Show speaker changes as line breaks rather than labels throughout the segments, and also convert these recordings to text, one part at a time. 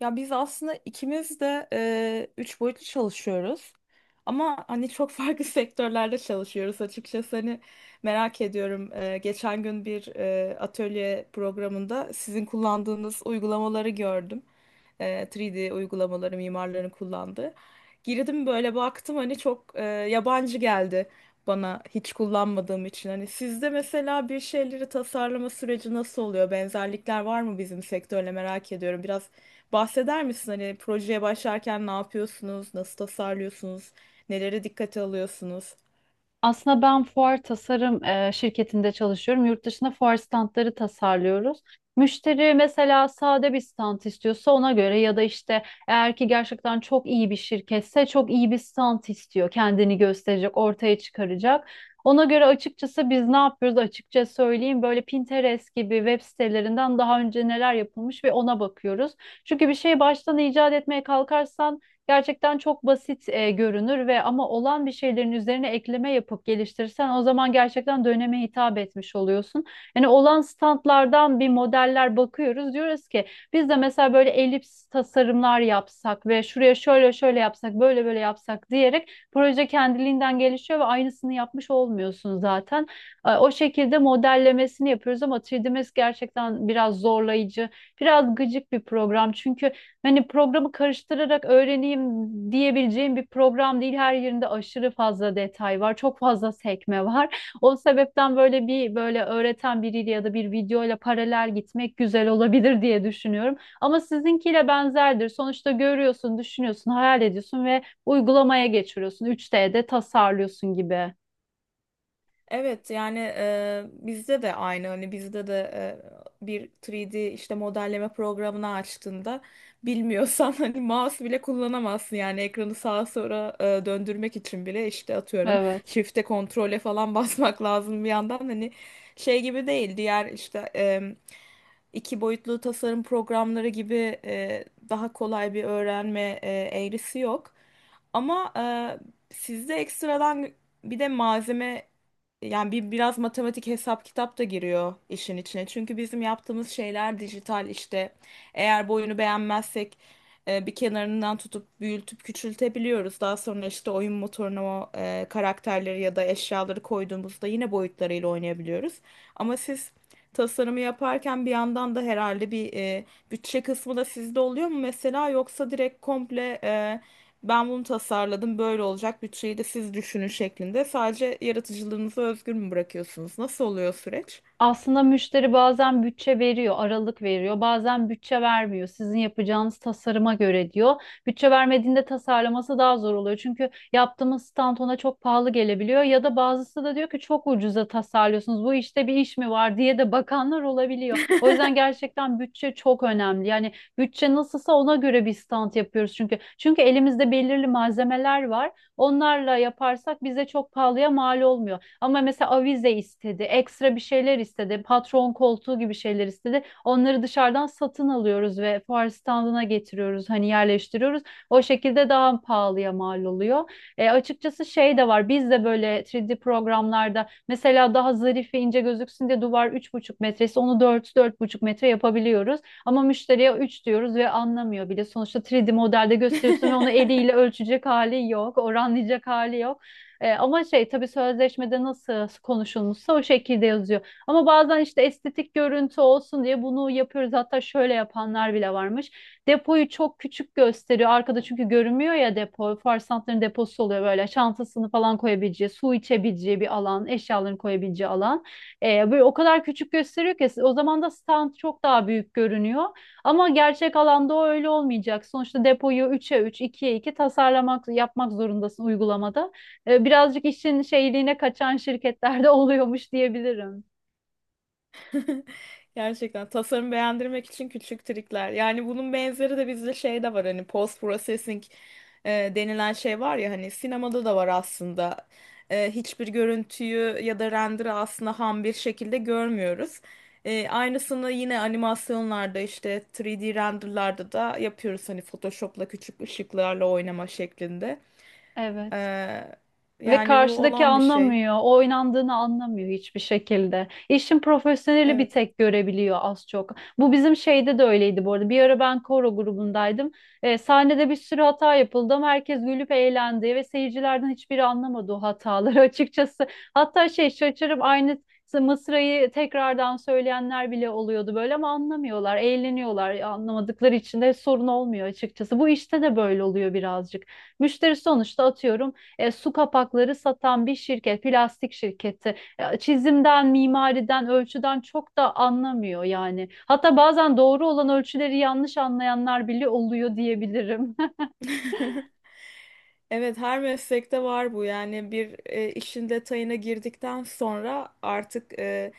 Ya biz aslında ikimiz de üç boyutlu çalışıyoruz. Ama hani çok farklı sektörlerde çalışıyoruz açıkçası. Hani merak ediyorum. Geçen gün bir atölye programında sizin kullandığınız uygulamaları gördüm. 3D uygulamaları mimarların kullandığı. Girdim böyle baktım hani çok yabancı geldi bana hiç kullanmadığım için. Hani sizde mesela bir şeyleri tasarlama süreci nasıl oluyor? Benzerlikler var mı bizim sektörle merak ediyorum. Biraz bahseder misin? Hani projeye başlarken ne yapıyorsunuz? Nasıl tasarlıyorsunuz? Nelere dikkate alıyorsunuz?
Aslında ben fuar tasarım şirketinde çalışıyorum. Yurt dışında fuar standları tasarlıyoruz. Müşteri mesela sade bir stand istiyorsa ona göre ya da işte eğer ki gerçekten çok iyi bir şirketse çok iyi bir stand istiyor. Kendini gösterecek, ortaya çıkaracak. Ona göre açıkçası biz ne yapıyoruz açıkça söyleyeyim böyle Pinterest gibi web sitelerinden daha önce neler yapılmış ve ona bakıyoruz. Çünkü bir şey baştan icat etmeye kalkarsan gerçekten çok basit görünür ve ama olan bir şeylerin üzerine ekleme yapıp geliştirirsen o zaman gerçekten döneme hitap etmiş oluyorsun. Yani olan standlardan bir modeller bakıyoruz. Diyoruz ki biz de mesela böyle elips tasarımlar yapsak ve şuraya şöyle şöyle yapsak, böyle böyle yapsak diyerek proje kendiliğinden gelişiyor ve aynısını yapmış olmuyorsun zaten. O şekilde modellemesini yapıyoruz ama 3D Max gerçekten biraz zorlayıcı, biraz gıcık bir program. Çünkü hani programı karıştırarak öğreneyim diyebileceğim bir program değil. Her yerinde aşırı fazla detay var. Çok fazla sekme var. O sebepten böyle bir böyle öğreten biriyle ya da bir videoyla paralel gitmek güzel olabilir diye düşünüyorum. Ama sizinkiyle benzerdir. Sonuçta görüyorsun, düşünüyorsun, hayal ediyorsun ve uygulamaya geçiriyorsun. 3D'de tasarlıyorsun gibi.
Evet, yani bizde de aynı, hani bizde de bir 3D işte modelleme programını açtığında bilmiyorsan hani mouse bile kullanamazsın, yani ekranı sağa sola döndürmek için bile işte atıyorum
Evet.
shift'e, kontrole falan basmak lazım. Bir yandan hani şey gibi değil, diğer işte iki boyutlu tasarım programları gibi daha kolay bir öğrenme eğrisi yok. Ama sizde ekstradan bir de malzeme, yani biraz matematik, hesap kitap da giriyor işin içine. Çünkü bizim yaptığımız şeyler dijital işte. Eğer boyunu beğenmezsek bir kenarından tutup büyültüp küçültebiliyoruz. Daha sonra işte oyun motoruna o karakterleri ya da eşyaları koyduğumuzda yine boyutlarıyla oynayabiliyoruz. Ama siz tasarımı yaparken bir yandan da herhalde bir bütçe kısmı da sizde oluyor mu mesela, yoksa direkt komple ben bunu tasarladım, böyle olacak, bütçeyi de siz düşünün şeklinde sadece yaratıcılığınızı özgür mü bırakıyorsunuz? Nasıl oluyor süreç?
Aslında müşteri bazen bütçe veriyor, aralık veriyor, bazen bütçe vermiyor. Sizin yapacağınız tasarıma göre diyor. Bütçe vermediğinde tasarlaması daha zor oluyor. Çünkü yaptığımız stand ona çok pahalı gelebiliyor ya da bazısı da diyor ki çok ucuza tasarlıyorsunuz. Bu işte bir iş mi var diye de bakanlar olabiliyor. O yüzden gerçekten bütçe çok önemli. Yani bütçe nasılsa ona göre bir stand yapıyoruz çünkü. Çünkü elimizde belirli malzemeler var. Onlarla yaparsak bize çok pahalıya mal olmuyor. Ama mesela avize istedi, ekstra bir şeyler istedi, patron koltuğu gibi şeyler istedi. Onları dışarıdan satın alıyoruz ve fuar standına getiriyoruz, hani yerleştiriyoruz. O şekilde daha pahalıya mal oluyor. Açıkçası şey de var, biz de böyle 3D programlarda mesela daha zarif ve ince gözüksün diye duvar 3,5 metresi onu dört buçuk metre yapabiliyoruz. Ama müşteriye 3 diyoruz ve anlamıyor bile. Sonuçta 3D modelde gösteriyorsun ve onu eliyle ölçecek hali yok, oranlayacak hali yok. Ama şey tabii sözleşmede nasıl konuşulmuşsa o şekilde yazıyor. Ama bazen işte estetik görüntü olsun diye bunu yapıyoruz. Hatta şöyle yapanlar bile varmış. Depoyu çok küçük gösteriyor. Arkada çünkü görünmüyor ya depo. Farsantların deposu oluyor böyle. Çantasını falan koyabileceği, su içebileceği bir alan, eşyalarını koyabileceği alan. Böyle o kadar küçük gösteriyor ki o zaman da stand çok daha büyük görünüyor. Ama gerçek alanda o öyle olmayacak. Sonuçta depoyu 3'e 3, 2'ye 2 tasarlamak, yapmak zorundasın uygulamada birazcık işin şeyliğine kaçan şirketlerde oluyormuş diyebilirim.
Gerçekten tasarım beğendirmek için küçük trikler. Yani bunun benzeri de bizde şey de var, hani post processing denilen şey var ya, hani sinemada da var aslında. Hiçbir görüntüyü ya da render'ı aslında ham bir şekilde görmüyoruz. Aynısını yine animasyonlarda, işte 3D renderlarda da yapıyoruz, hani Photoshop'la küçük ışıklarla oynama şeklinde.
Evet.
E,
Ve
Yani bu
karşıdaki
olan bir şey.
anlamıyor, oynandığını anlamıyor hiçbir şekilde. İşin profesyoneli bir
Evet.
tek görebiliyor az çok. Bu bizim şeyde de öyleydi bu arada. Bir ara ben koro grubundaydım. Sahnede bir sürü hata yapıldı ama herkes gülüp eğlendi ve seyircilerden hiçbiri anlamadı o hataları açıkçası. Hatta şey şaşırıp aynı mısrayı tekrardan söyleyenler bile oluyordu böyle ama anlamıyorlar, eğleniyorlar. Anlamadıkları için de sorun olmuyor açıkçası. Bu işte de böyle oluyor birazcık. Müşteri sonuçta atıyorum su kapakları satan bir şirket, plastik şirketi. Çizimden, mimariden, ölçüden çok da anlamıyor yani. Hatta bazen doğru olan ölçüleri yanlış anlayanlar bile oluyor diyebilirim.
Evet, her meslekte var bu. Yani bir işin detayına girdikten sonra artık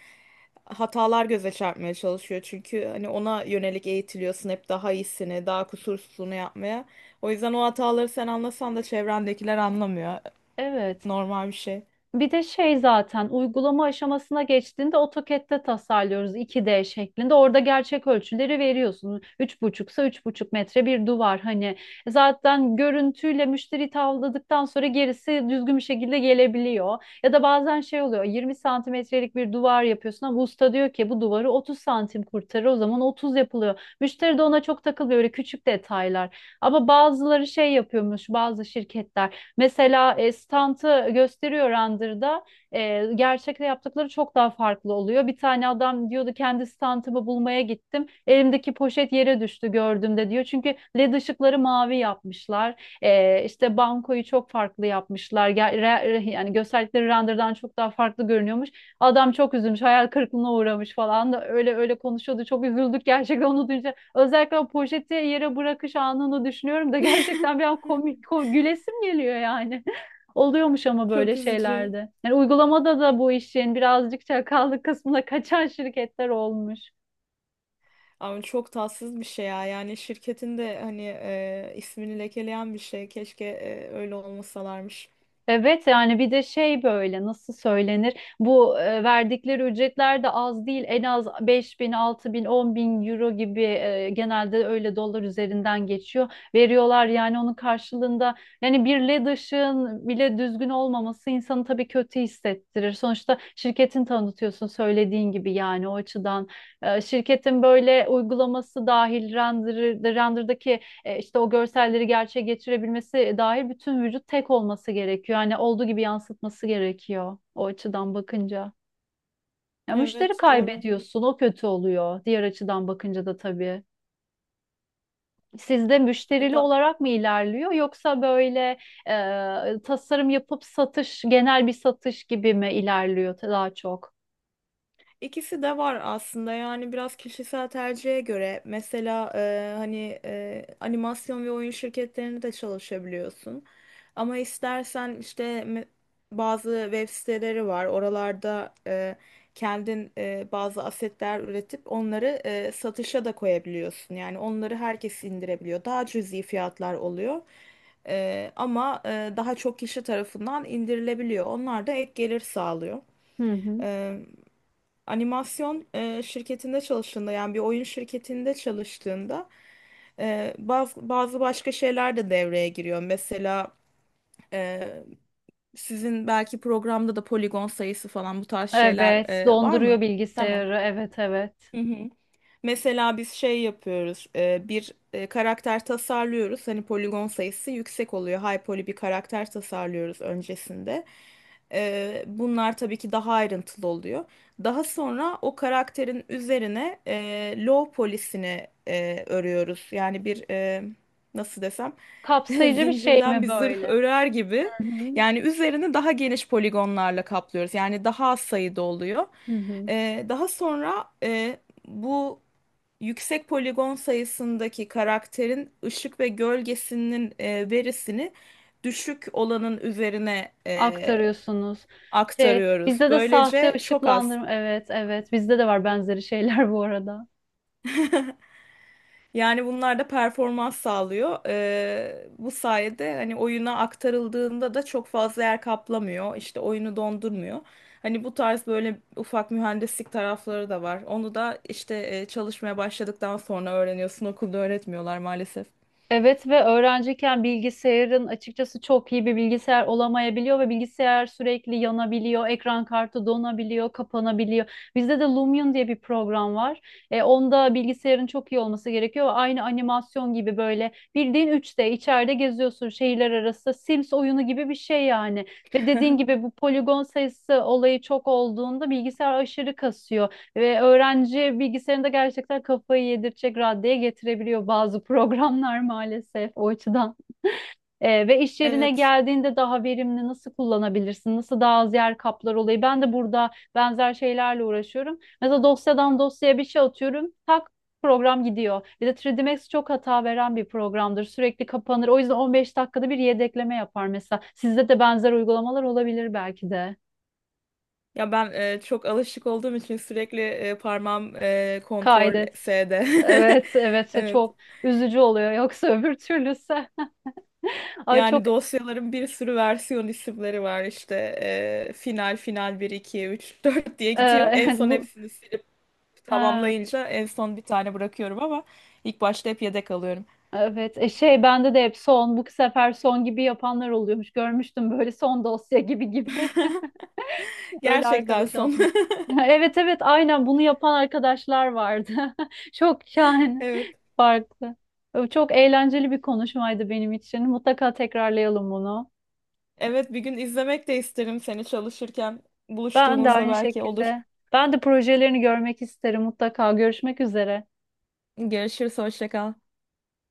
hatalar göze çarpmaya çalışıyor. Çünkü hani ona yönelik eğitiliyorsun hep daha iyisini, daha kusursuzunu yapmaya. O yüzden o hataları sen anlasan da çevrendekiler anlamıyor.
Evet.
Normal bir şey.
Bir de şey zaten uygulama aşamasına geçtiğinde AutoCAD'de tasarlıyoruz 2D şeklinde. Orada gerçek ölçüleri veriyorsun. Üç buçuksa 3,5 metre bir duvar hani. Zaten görüntüyle müşteri tavladıktan sonra gerisi düzgün bir şekilde gelebiliyor. Ya da bazen şey oluyor 20 santimetrelik bir duvar yapıyorsun ama usta diyor ki bu duvarı 30 santim kurtarır o zaman 30 yapılıyor. Müşteri de ona çok takılıyor böyle küçük detaylar. Ama bazıları şey yapıyormuş bazı şirketler. Mesela stantı gösteriyor Randır'da. Gerçekte yaptıkları çok daha farklı oluyor. Bir tane adam diyordu kendi stantımı bulmaya gittim. Elimdeki poşet yere düştü gördüğümde diyor. Çünkü led ışıkları mavi yapmışlar. E, işte bankoyu çok farklı yapmışlar. Yani gösterdikleri renderdan çok daha farklı görünüyormuş. Adam çok üzülmüş, hayal kırıklığına uğramış falan da öyle öyle konuşuyordu. Çok üzüldük gerçekten onu duyunca. Özellikle o poşeti yere bırakış anını düşünüyorum da gerçekten bir an komik, gülesim geliyor yani. Oluyormuş ama böyle
Çok üzücü.
şeylerde. Yani uygulamada da bu işin birazcık çakallık kısmına kaçan şirketler olmuş.
Ama çok tatsız bir şey ya. Yani şirketin de hani ismini lekeleyen bir şey. Keşke öyle olmasalarmış.
Evet yani bir de şey böyle nasıl söylenir bu verdikleri ücretler de az değil, en az 5.000 6.000 10.000 euro gibi genelde öyle dolar üzerinden geçiyor, veriyorlar yani onun karşılığında. Yani bir led ışığın bile düzgün olmaması insanı tabii kötü hissettirir sonuçta, şirketin tanıtıyorsun söylediğin gibi, yani o açıdan. Şirketin böyle uygulaması dahil render'daki işte o görselleri gerçeğe getirebilmesi dahil bütün vücut tek olması gerekiyor. Yani olduğu gibi yansıtması gerekiyor o açıdan bakınca. Ya müşteri
Evet, doğru.
kaybediyorsun, o kötü oluyor. Diğer açıdan bakınca da tabii. Sizde
E,
müşterili
Da-
olarak mı ilerliyor yoksa böyle tasarım yapıp satış, genel bir satış gibi mi ilerliyor daha çok?
İkisi de var aslında, yani biraz kişisel tercihe göre. Mesela hani animasyon ve oyun şirketlerinde de çalışabiliyorsun, ama istersen işte bazı web siteleri var, oralarda kendin bazı asetler üretip onları satışa da koyabiliyorsun. Yani onları herkes indirebiliyor, daha cüzi fiyatlar oluyor. Ama daha çok kişi tarafından indirilebiliyor, onlar da ek gelir sağlıyor.
Hı hı.
Animasyon şirketinde çalıştığında, yani bir oyun şirketinde çalıştığında bazı başka şeyler de devreye giriyor. Mesela e, sizin belki programda da poligon sayısı falan, bu tarz şeyler
Evet,
var mı?
donduruyor
Tamam.
bilgisayarı. Evet, evet.
Hı hı. Mesela biz şey yapıyoruz, karakter tasarlıyoruz. Hani poligon sayısı yüksek oluyor. High poly bir karakter tasarlıyoruz öncesinde. Bunlar tabii ki daha ayrıntılı oluyor. Daha sonra o karakterin üzerine low poly'sini örüyoruz. Yani bir, nasıl desem
Kapsayıcı bir şey
zincirden
mi
bir zırh
böyle?
örer gibi.
Hı hı.
Yani üzerini daha geniş poligonlarla kaplıyoruz. Yani daha az sayıda oluyor.
Hı hı.
Daha sonra bu yüksek poligon sayısındaki karakterin ışık ve gölgesinin verisini düşük olanın üzerine
Aktarıyorsunuz. Şey,
aktarıyoruz.
bizde de sahte
Böylece çok az.
ışıklandırma. Evet, evet. Bizde de var benzeri şeyler bu arada.
Yani bunlar da performans sağlıyor. Bu sayede hani oyuna aktarıldığında da çok fazla yer kaplamıyor. İşte oyunu dondurmuyor. Hani bu tarz böyle ufak mühendislik tarafları da var. Onu da işte çalışmaya başladıktan sonra öğreniyorsun. Okulda öğretmiyorlar maalesef.
Evet ve öğrenciyken bilgisayarın açıkçası çok iyi bir bilgisayar olamayabiliyor ve bilgisayar sürekli yanabiliyor, ekran kartı donabiliyor, kapanabiliyor. Bizde de Lumion diye bir program var. Onda bilgisayarın çok iyi olması gerekiyor. Aynı animasyon gibi böyle bildiğin 3D içeride geziyorsun, şehirler arası Sims oyunu gibi bir şey yani. Ve dediğin gibi bu poligon sayısı olayı çok olduğunda bilgisayar aşırı kasıyor. Ve öğrenci bilgisayarında gerçekten kafayı yedirecek raddeye getirebiliyor bazı programlar maalesef o açıdan. Ve iş yerine
Evet.
geldiğinde daha verimli nasıl kullanabilirsin? Nasıl daha az yer kaplar olayı? Ben de burada benzer şeylerle uğraşıyorum. Mesela dosyadan dosyaya bir şey atıyorum. Tak program gidiyor. Bir de 3D Max çok hata veren bir programdır. Sürekli kapanır. O yüzden 15 dakikada bir yedekleme yapar mesela. Sizde de benzer uygulamalar olabilir belki de.
Ya ben çok alışık olduğum için sürekli parmağım kontrol
Kaydet.
F'de.
Evet, evet
Evet.
çok üzücü oluyor. Yoksa öbür türlüsü. Ay çok
Yani dosyaların bir sürü versiyon isimleri var işte. Final, final bir, iki, 3 4 diye gidiyor. En
e,
son
bu
hepsini silip
ha,
tamamlayınca en son bir tane bırakıyorum, ama ilk başta hep yedek alıyorum.
evet. Şey bende de hep "son, bu sefer son" gibi yapanlar oluyormuş. Görmüştüm böyle son dosya gibi gibi. Öyle
Gerçekten
arkadaş
son.
atmış. Evet, evet aynen, bunu yapan arkadaşlar vardı. Çok şahane.
Evet.
Farklı. Çok eğlenceli bir konuşmaydı benim için. Mutlaka tekrarlayalım bunu.
Evet, bir gün izlemek de isterim seni çalışırken.
Ben de
Buluştuğumuzda
aynı
belki olur.
şekilde. Ben de projelerini görmek isterim mutlaka. Görüşmek üzere.
Görüşürüz, hoşça kal.